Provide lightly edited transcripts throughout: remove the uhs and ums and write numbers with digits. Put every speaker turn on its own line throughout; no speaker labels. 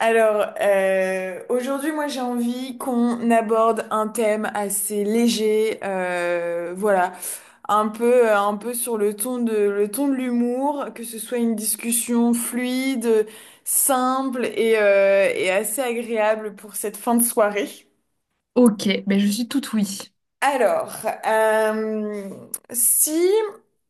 Aujourd'hui, moi, j'ai envie qu'on aborde un thème assez léger, voilà, un peu sur le ton de l'humour, que ce soit une discussion fluide, simple et et assez agréable pour cette fin de soirée.
Ok, ben je suis toute oui.
Alors, euh, Si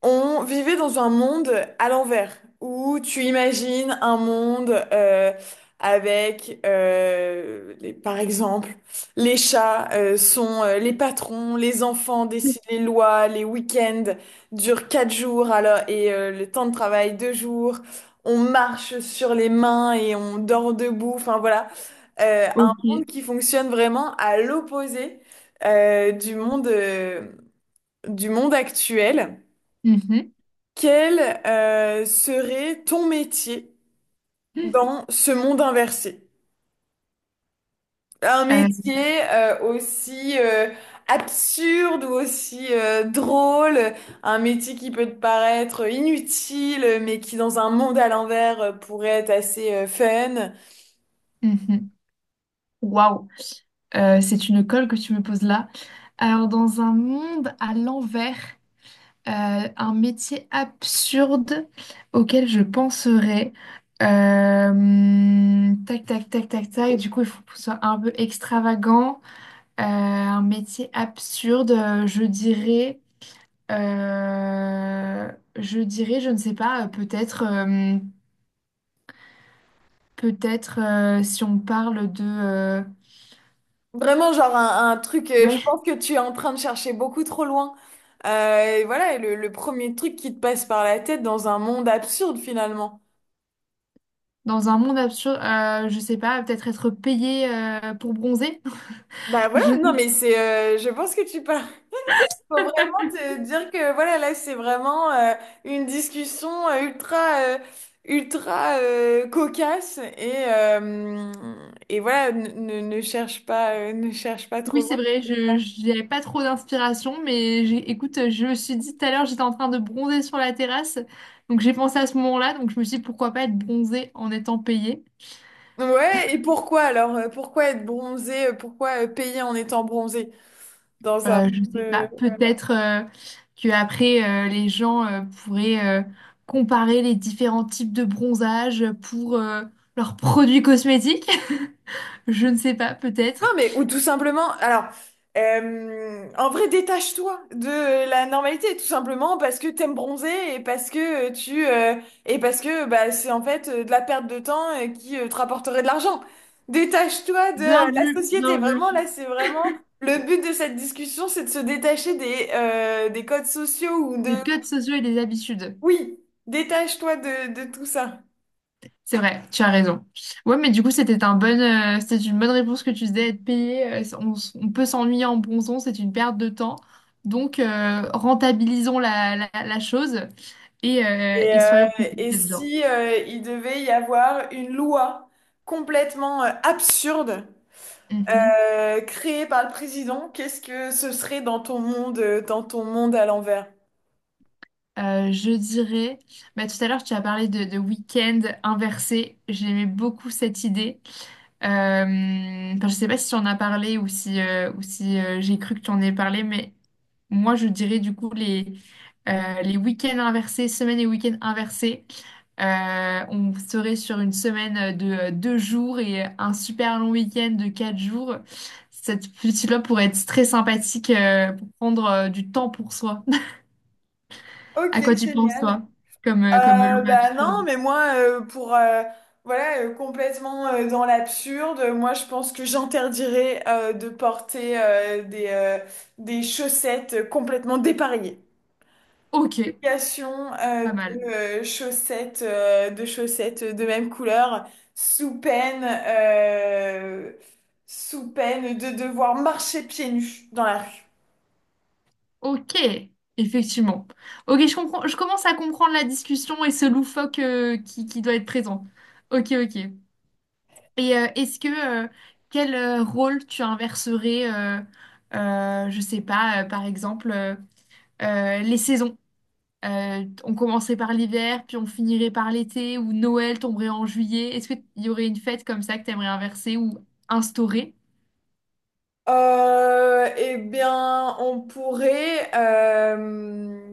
on vivait dans un monde à l'envers, où tu imagines un monde avec, par exemple, les chats sont les patrons, les enfants décident les lois, les week-ends durent 4 jours alors, et le temps de travail 2 jours, on marche sur les mains et on dort debout, enfin voilà. Un monde
Ok.
qui fonctionne vraiment à l'opposé euh, du monde, euh, du monde actuel.
Mhm.
Quel serait ton métier dans ce monde inversé? Un
Euh,
métier aussi absurde ou aussi drôle, un métier qui peut te paraître inutile, mais qui dans un monde à l'envers pourrait être assez fun.
mhm. Waouh. C'est une colle que tu me poses là. Alors, dans un monde à l'envers, un métier absurde auquel je penserais. Tac, tac, tac, tac, tac. Du coup, il faut que ce soit un peu extravagant. Un métier absurde, je dirais. euh, je ne sais pas, peut-être. Peut-être si on parle de...
Vraiment, genre un truc, je
Ouais,
pense que tu es en train de chercher beaucoup trop loin. Et voilà, et le premier truc qui te passe par la tête dans un monde absurde finalement.
dans un monde absurde, je sais pas, peut-être être payé pour bronzer.
Bah
Je...
voilà, non mais, je pense que tu parles. Faut vraiment te dire que voilà, là c'est vraiment une discussion ultra cocasse et et voilà, ne cherche pas, ne cherche pas trop
Oui, c'est
loin.
vrai, je j'avais pas trop d'inspiration, mais écoute, je me suis dit tout à l'heure, j'étais en train de bronzer sur la terrasse, donc j'ai pensé à ce moment-là, donc je me suis dit pourquoi pas être bronzé en étant payé.
Ouais, et pourquoi alors? Pourquoi être bronzé? Pourquoi payer en étant bronzé? Dans un monde...
Je sais pas, peut-être que après les gens pourraient comparer les différents types de bronzage pour leurs produits cosmétiques. Je ne sais pas,
Non,
peut-être.
mais ou tout simplement... En vrai, détache-toi de la normalité, tout simplement parce que t'aimes bronzer et parce que et parce que bah, c'est en fait de la perte de temps qui te rapporterait de l'argent. Détache-toi de
Bien,
la société. Vraiment, là, c'est vraiment... Le but de cette discussion, c'est de se détacher des des codes sociaux ou de...
les codes sociaux et les habitudes.
Oui, détache-toi de tout ça.
C'est vrai, tu as raison. Ouais, mais du coup, c'était un bon, c'était une bonne réponse que tu disais, être payé. On, on peut s'ennuyer en bronzant, c'est une perte de temps. Donc, rentabilisons la chose
Et,
et
euh,
soyons plus
et
efficaces bien.
si il devait y avoir une loi complètement absurde
Mhm.
créée par le président, qu'est-ce que ce serait dans ton monde à l'envers?
Je dirais, bah, tout à l'heure tu as parlé de week-end inversé, j'aimais beaucoup cette idée. Enfin, je sais pas si tu en as parlé ou si j'ai cru que tu en ai parlé, mais moi je dirais du coup les week-ends inversés, semaines et week-ends inversés. On serait sur une semaine de deux jours et un super long week-end de quatre jours. Cette petite-là pourrait être très sympathique pour prendre du temps pour soi.
Ok,
À quoi tu penses,
génial.
toi, comme, comme loi
Bah non,
absurde?
mais moi, pour voilà, complètement dans l'absurde, moi je pense que j'interdirais de porter des chaussettes complètement dépareillées.
Ok,
Application,
pas
de
mal.
de chaussettes de même couleur, sous peine, euh, sous peine de devoir marcher pieds nus dans la rue.
Ok, effectivement. Ok, je comprends, je commence à comprendre la discussion et ce loufoque qui doit être présent. Ok, ok. Et est-ce que quel rôle tu inverserais, je sais pas, par exemple, les saisons? On commencerait par l'hiver, puis on finirait par l'été, ou Noël tomberait en juillet. Est-ce qu'il y aurait une fête comme ça que tu aimerais inverser ou instaurer?
Eh bien, on pourrait.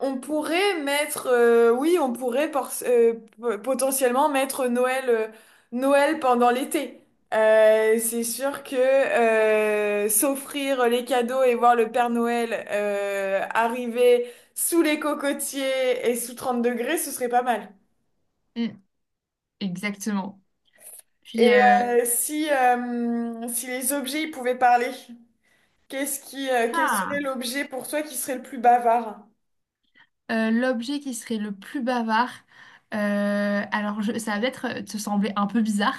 On pourrait mettre, oui, on potentiellement mettre Noël, Noël pendant l'été. C'est sûr que s'offrir les cadeaux et voir le Père Noël arriver sous les cocotiers et sous 30 degrés, ce serait pas mal.
Mm, exactement. Puis,
Et Mm. Si si les objets ils pouvaient parler, quel serait
ah,
l'objet pour toi qui serait le plus bavard?
l'objet qui serait le plus bavard, alors ça va peut-être te sembler un peu bizarre,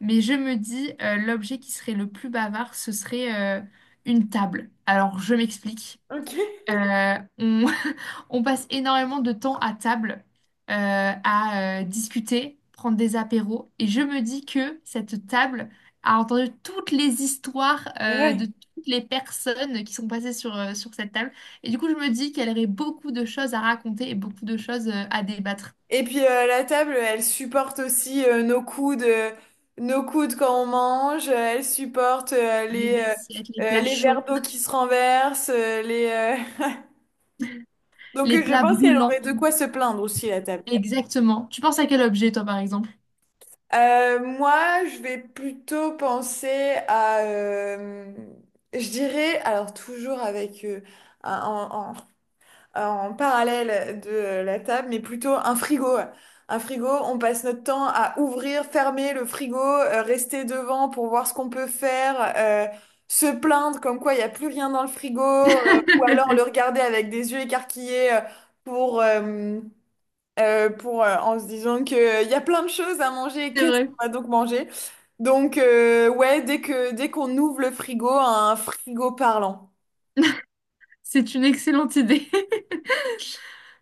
mais je me dis, l'objet qui serait le plus bavard, ce serait une table. Alors, je m'explique.
Ok.
On, on passe énormément de temps à table, euh, à discuter, prendre des apéros. Et je me dis que cette table a entendu toutes les histoires
Ouais.
de toutes les personnes qui sont passées sur cette table. Et du coup, je me dis qu'elle aurait beaucoup de choses à raconter et beaucoup de choses à débattre.
Et puis la table, elle supporte aussi nos coudes quand on mange. Elle supporte
Les assiettes, les plats
les verres
chauds,
d'eau qui se renversent. Les donc
les
euh, je
plats
pense qu'elle
brûlants.
aurait de quoi se plaindre aussi la table.
Exactement. Tu penses à quel objet, toi, par exemple?
Moi, je vais plutôt penser à. Je dirais, alors toujours un- en, en parallèle de la table, mais plutôt un frigo. Un frigo, on passe notre temps à ouvrir, fermer le frigo, rester devant pour voir ce qu'on peut faire, se plaindre comme quoi il n'y a plus rien dans le frigo, ou alors le regarder avec des yeux écarquillés pour, euh, en se disant qu'il y a plein de choses à manger,
C'est
qu'est-ce
vrai.
qu'on va donc manger? Donc, ouais, dès qu'on ouvre le frigo, un frigo parlant.
C'est une excellente idée.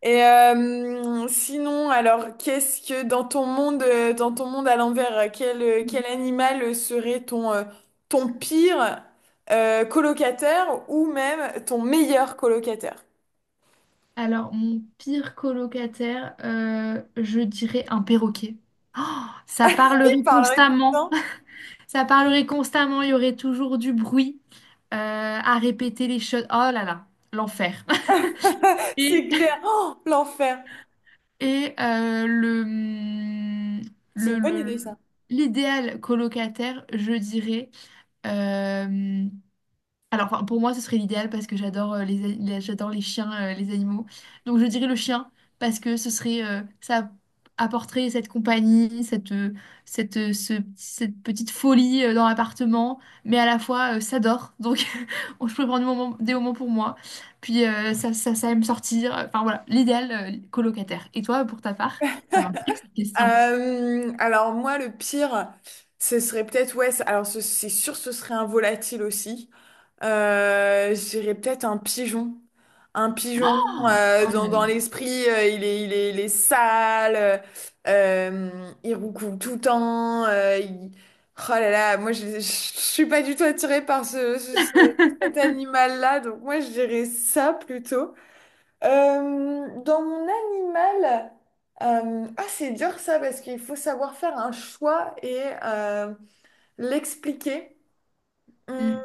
Et sinon, alors, qu'est-ce que dans ton monde à l'envers, quel animal serait ton, ton pire colocataire ou même ton meilleur colocataire?
Alors, mon pire colocataire, je dirais un perroquet. Oh, ça
Il
parlerait
parlerait tout le
constamment.
temps,
Ça parlerait constamment. Il y aurait toujours du bruit à répéter les choses. Oh là là, l'enfer. Et,
c'est clair. Oh, l'enfer.
et,
C'est une
le,
bonne
le-
idée, ça.
l'idéal colocataire, je dirais. euh, Alors, enfin, pour moi, ce serait l'idéal parce que j'adore j'adore les chiens, les animaux. Donc, je dirais le chien parce que ce serait, ça apporterait cette compagnie, cette petite folie dans l'appartement, mais à la fois, ça dort. Donc, je peux prendre des moments pour moi. Puis, ça, ça aime sortir. Enfin, voilà, l'idéal, colocataire. Et toi, pour ta part, ça m'intrigue cette question.
Alors moi, le pire, ce serait peut-être, ouais, c'est sûr, ce serait un volatile aussi. Je dirais peut-être un pigeon. Un pigeon,
Oh là là.
dans l'esprit, euh, il est sale, il roucoule tout le temps. Oh là là, moi je suis pas du tout attirée par cet animal-là, donc moi je dirais ça plutôt. Dans mon animal, ah, c'est dur ça parce qu'il faut savoir faire un choix et l'expliquer. Hum.
Mm.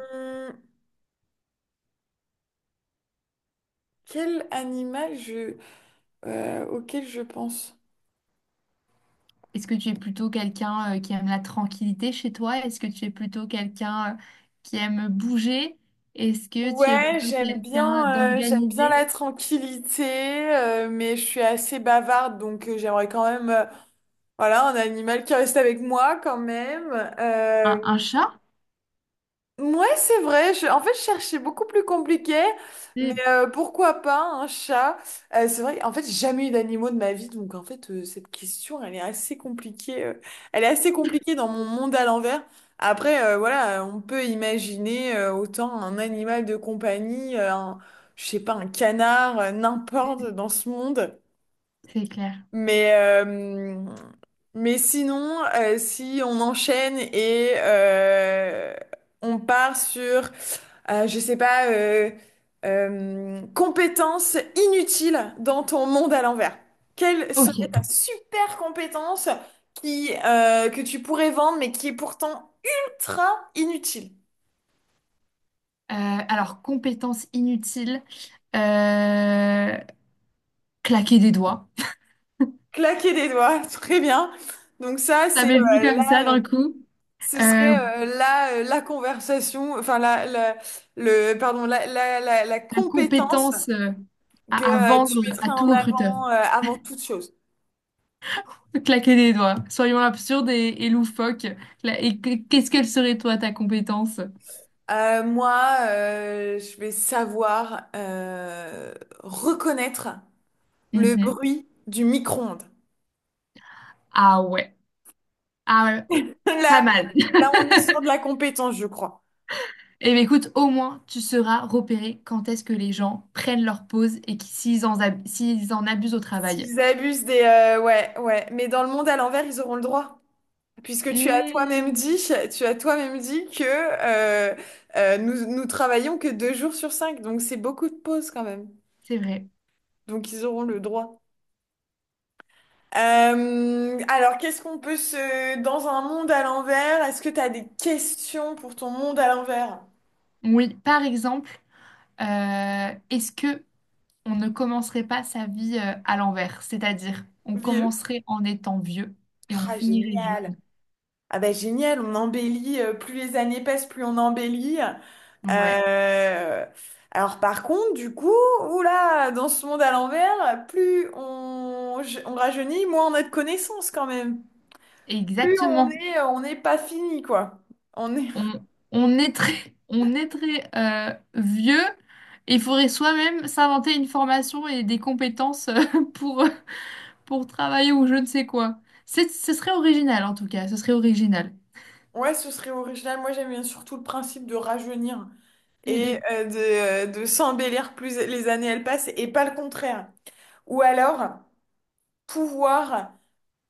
Quel animal auquel je pense?
Est-ce que tu es plutôt quelqu'un qui aime la tranquillité chez toi? Est-ce que tu es plutôt quelqu'un qui aime bouger? Est-ce que tu es
Ouais,
plutôt quelqu'un
j'aime bien
d'organisé?
la tranquillité, mais je suis assez bavarde, donc j'aimerais quand même, voilà, un animal qui reste avec moi quand même. Euh,
Un chat?
Ouais, c'est vrai. En fait, je cherchais beaucoup plus compliqué, mais
Mm.
pourquoi pas un chat? C'est vrai, en fait, j'ai jamais eu d'animaux de ma vie, donc en fait, cette question, elle est assez compliquée. Elle est assez compliquée dans mon monde à l'envers. Après, voilà, on peut imaginer autant un animal de compagnie, je sais pas, un canard, n'importe dans ce monde.
C'est clair.
Mais, euh, mais sinon, si on enchaîne et on part sur je sais pas, compétence inutile dans ton monde à l'envers. Quelle
Ok.
serait ta super compétence que tu pourrais vendre, mais qui est pourtant ultra inutile?
Alors, compétence inutile, euh, claquer des doigts.
Claquer des doigts, très bien. Donc ça, c'est
Ça m'est venu
euh,
comme ça
là, euh,
d'un coup.
ce
Euh,
serait là la conversation, enfin la- le, pardon, la
la
compétence
compétence
que
à vendre
tu mettrais
à tout
en
recruteur.
avant avant toute chose.
Claquer des doigts. Soyons absurdes et loufoques. Qu'est-ce qu'elle serait toi, ta compétence?
Moi, je vais savoir reconnaître le
Mhm.
bruit du micro-ondes.
Ah ouais. Ah ouais. Oh, pas
Là,
mal.
là, on est sur de la compétence, je crois.
Eh bien, écoute, au moins, tu seras repéré quand est-ce que les gens prennent leur pause et s'ils en, s'ils en abusent au travail.
S'ils abusent des... ouais, ouais. Mais dans le monde à l'envers, ils auront le droit. Puisque tu as toi-même
Hmm,
dit, tu as toi-même dit que nous travaillons que 2 jours sur 5. Donc, c'est beaucoup de pauses quand même.
c'est vrai.
Donc, ils auront le droit. Alors, qu'est-ce qu'on peut se... Dans un monde à l'envers, est-ce que tu as des questions pour ton monde à l'envers,
Oui, par exemple, est-ce que on ne commencerait pas sa vie à l'envers? C'est-à-dire, on
vieux?
commencerait en étant vieux et on
Ah,
finirait
génial.
jeune.
Ah bah génial, on embellit, plus les années passent, plus on embellit.
Ouais,
Euh, Alors par contre, du coup, oula, dans ce monde à l'envers, on rajeunit, moins on a de connaissances quand même. Plus on
exactement.
est, euh, on n'est pas fini, quoi. On est...
on, on est très, on est très vieux et il faudrait soi-même s'inventer une formation et des compétences pour, pour travailler ou je ne sais quoi. C'est, ce serait original en tout cas, ce serait original.
Ouais, ce serait original. Moi, j'aime bien surtout le principe de rajeunir. Et
Mm,
de s'embellir plus les années elles passent et pas le contraire. Ou alors pouvoir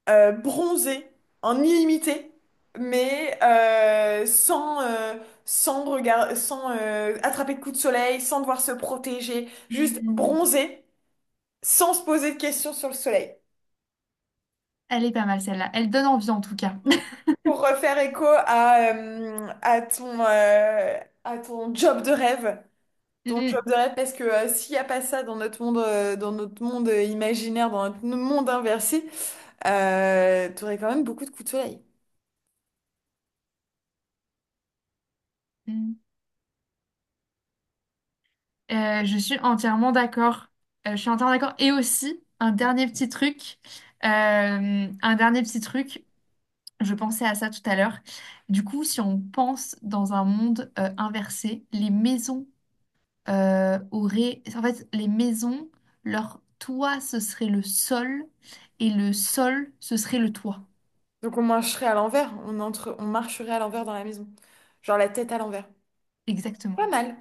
bronzer en illimité, mais sans, sans regard, sans attraper de coups de soleil, sans devoir se protéger, juste
mm. Mm.
bronzer sans se poser de questions sur le soleil.
Elle est pas mal celle-là, elle donne envie en tout cas.
Mm. Pour refaire écho à ton job de rêve. Ton job
Mm,
de rêve, parce que s'il n'y a pas ça dans notre monde imaginaire, dans notre monde inversé, tu aurais quand même beaucoup de coups de soleil.
mm. Je suis entièrement d'accord. Je suis entièrement d'accord. Et aussi, un dernier petit truc. Un dernier petit truc. Je pensais à ça tout à l'heure. Du coup, si on pense dans un monde inversé, les maisons auraient... En fait, les maisons, leur toit, ce serait le sol, et le sol, ce serait le toit.
Donc on marcherait à l'envers, on entre, on marcherait à l'envers dans la maison. Genre la tête à l'envers.
Exactement.
Pas mal.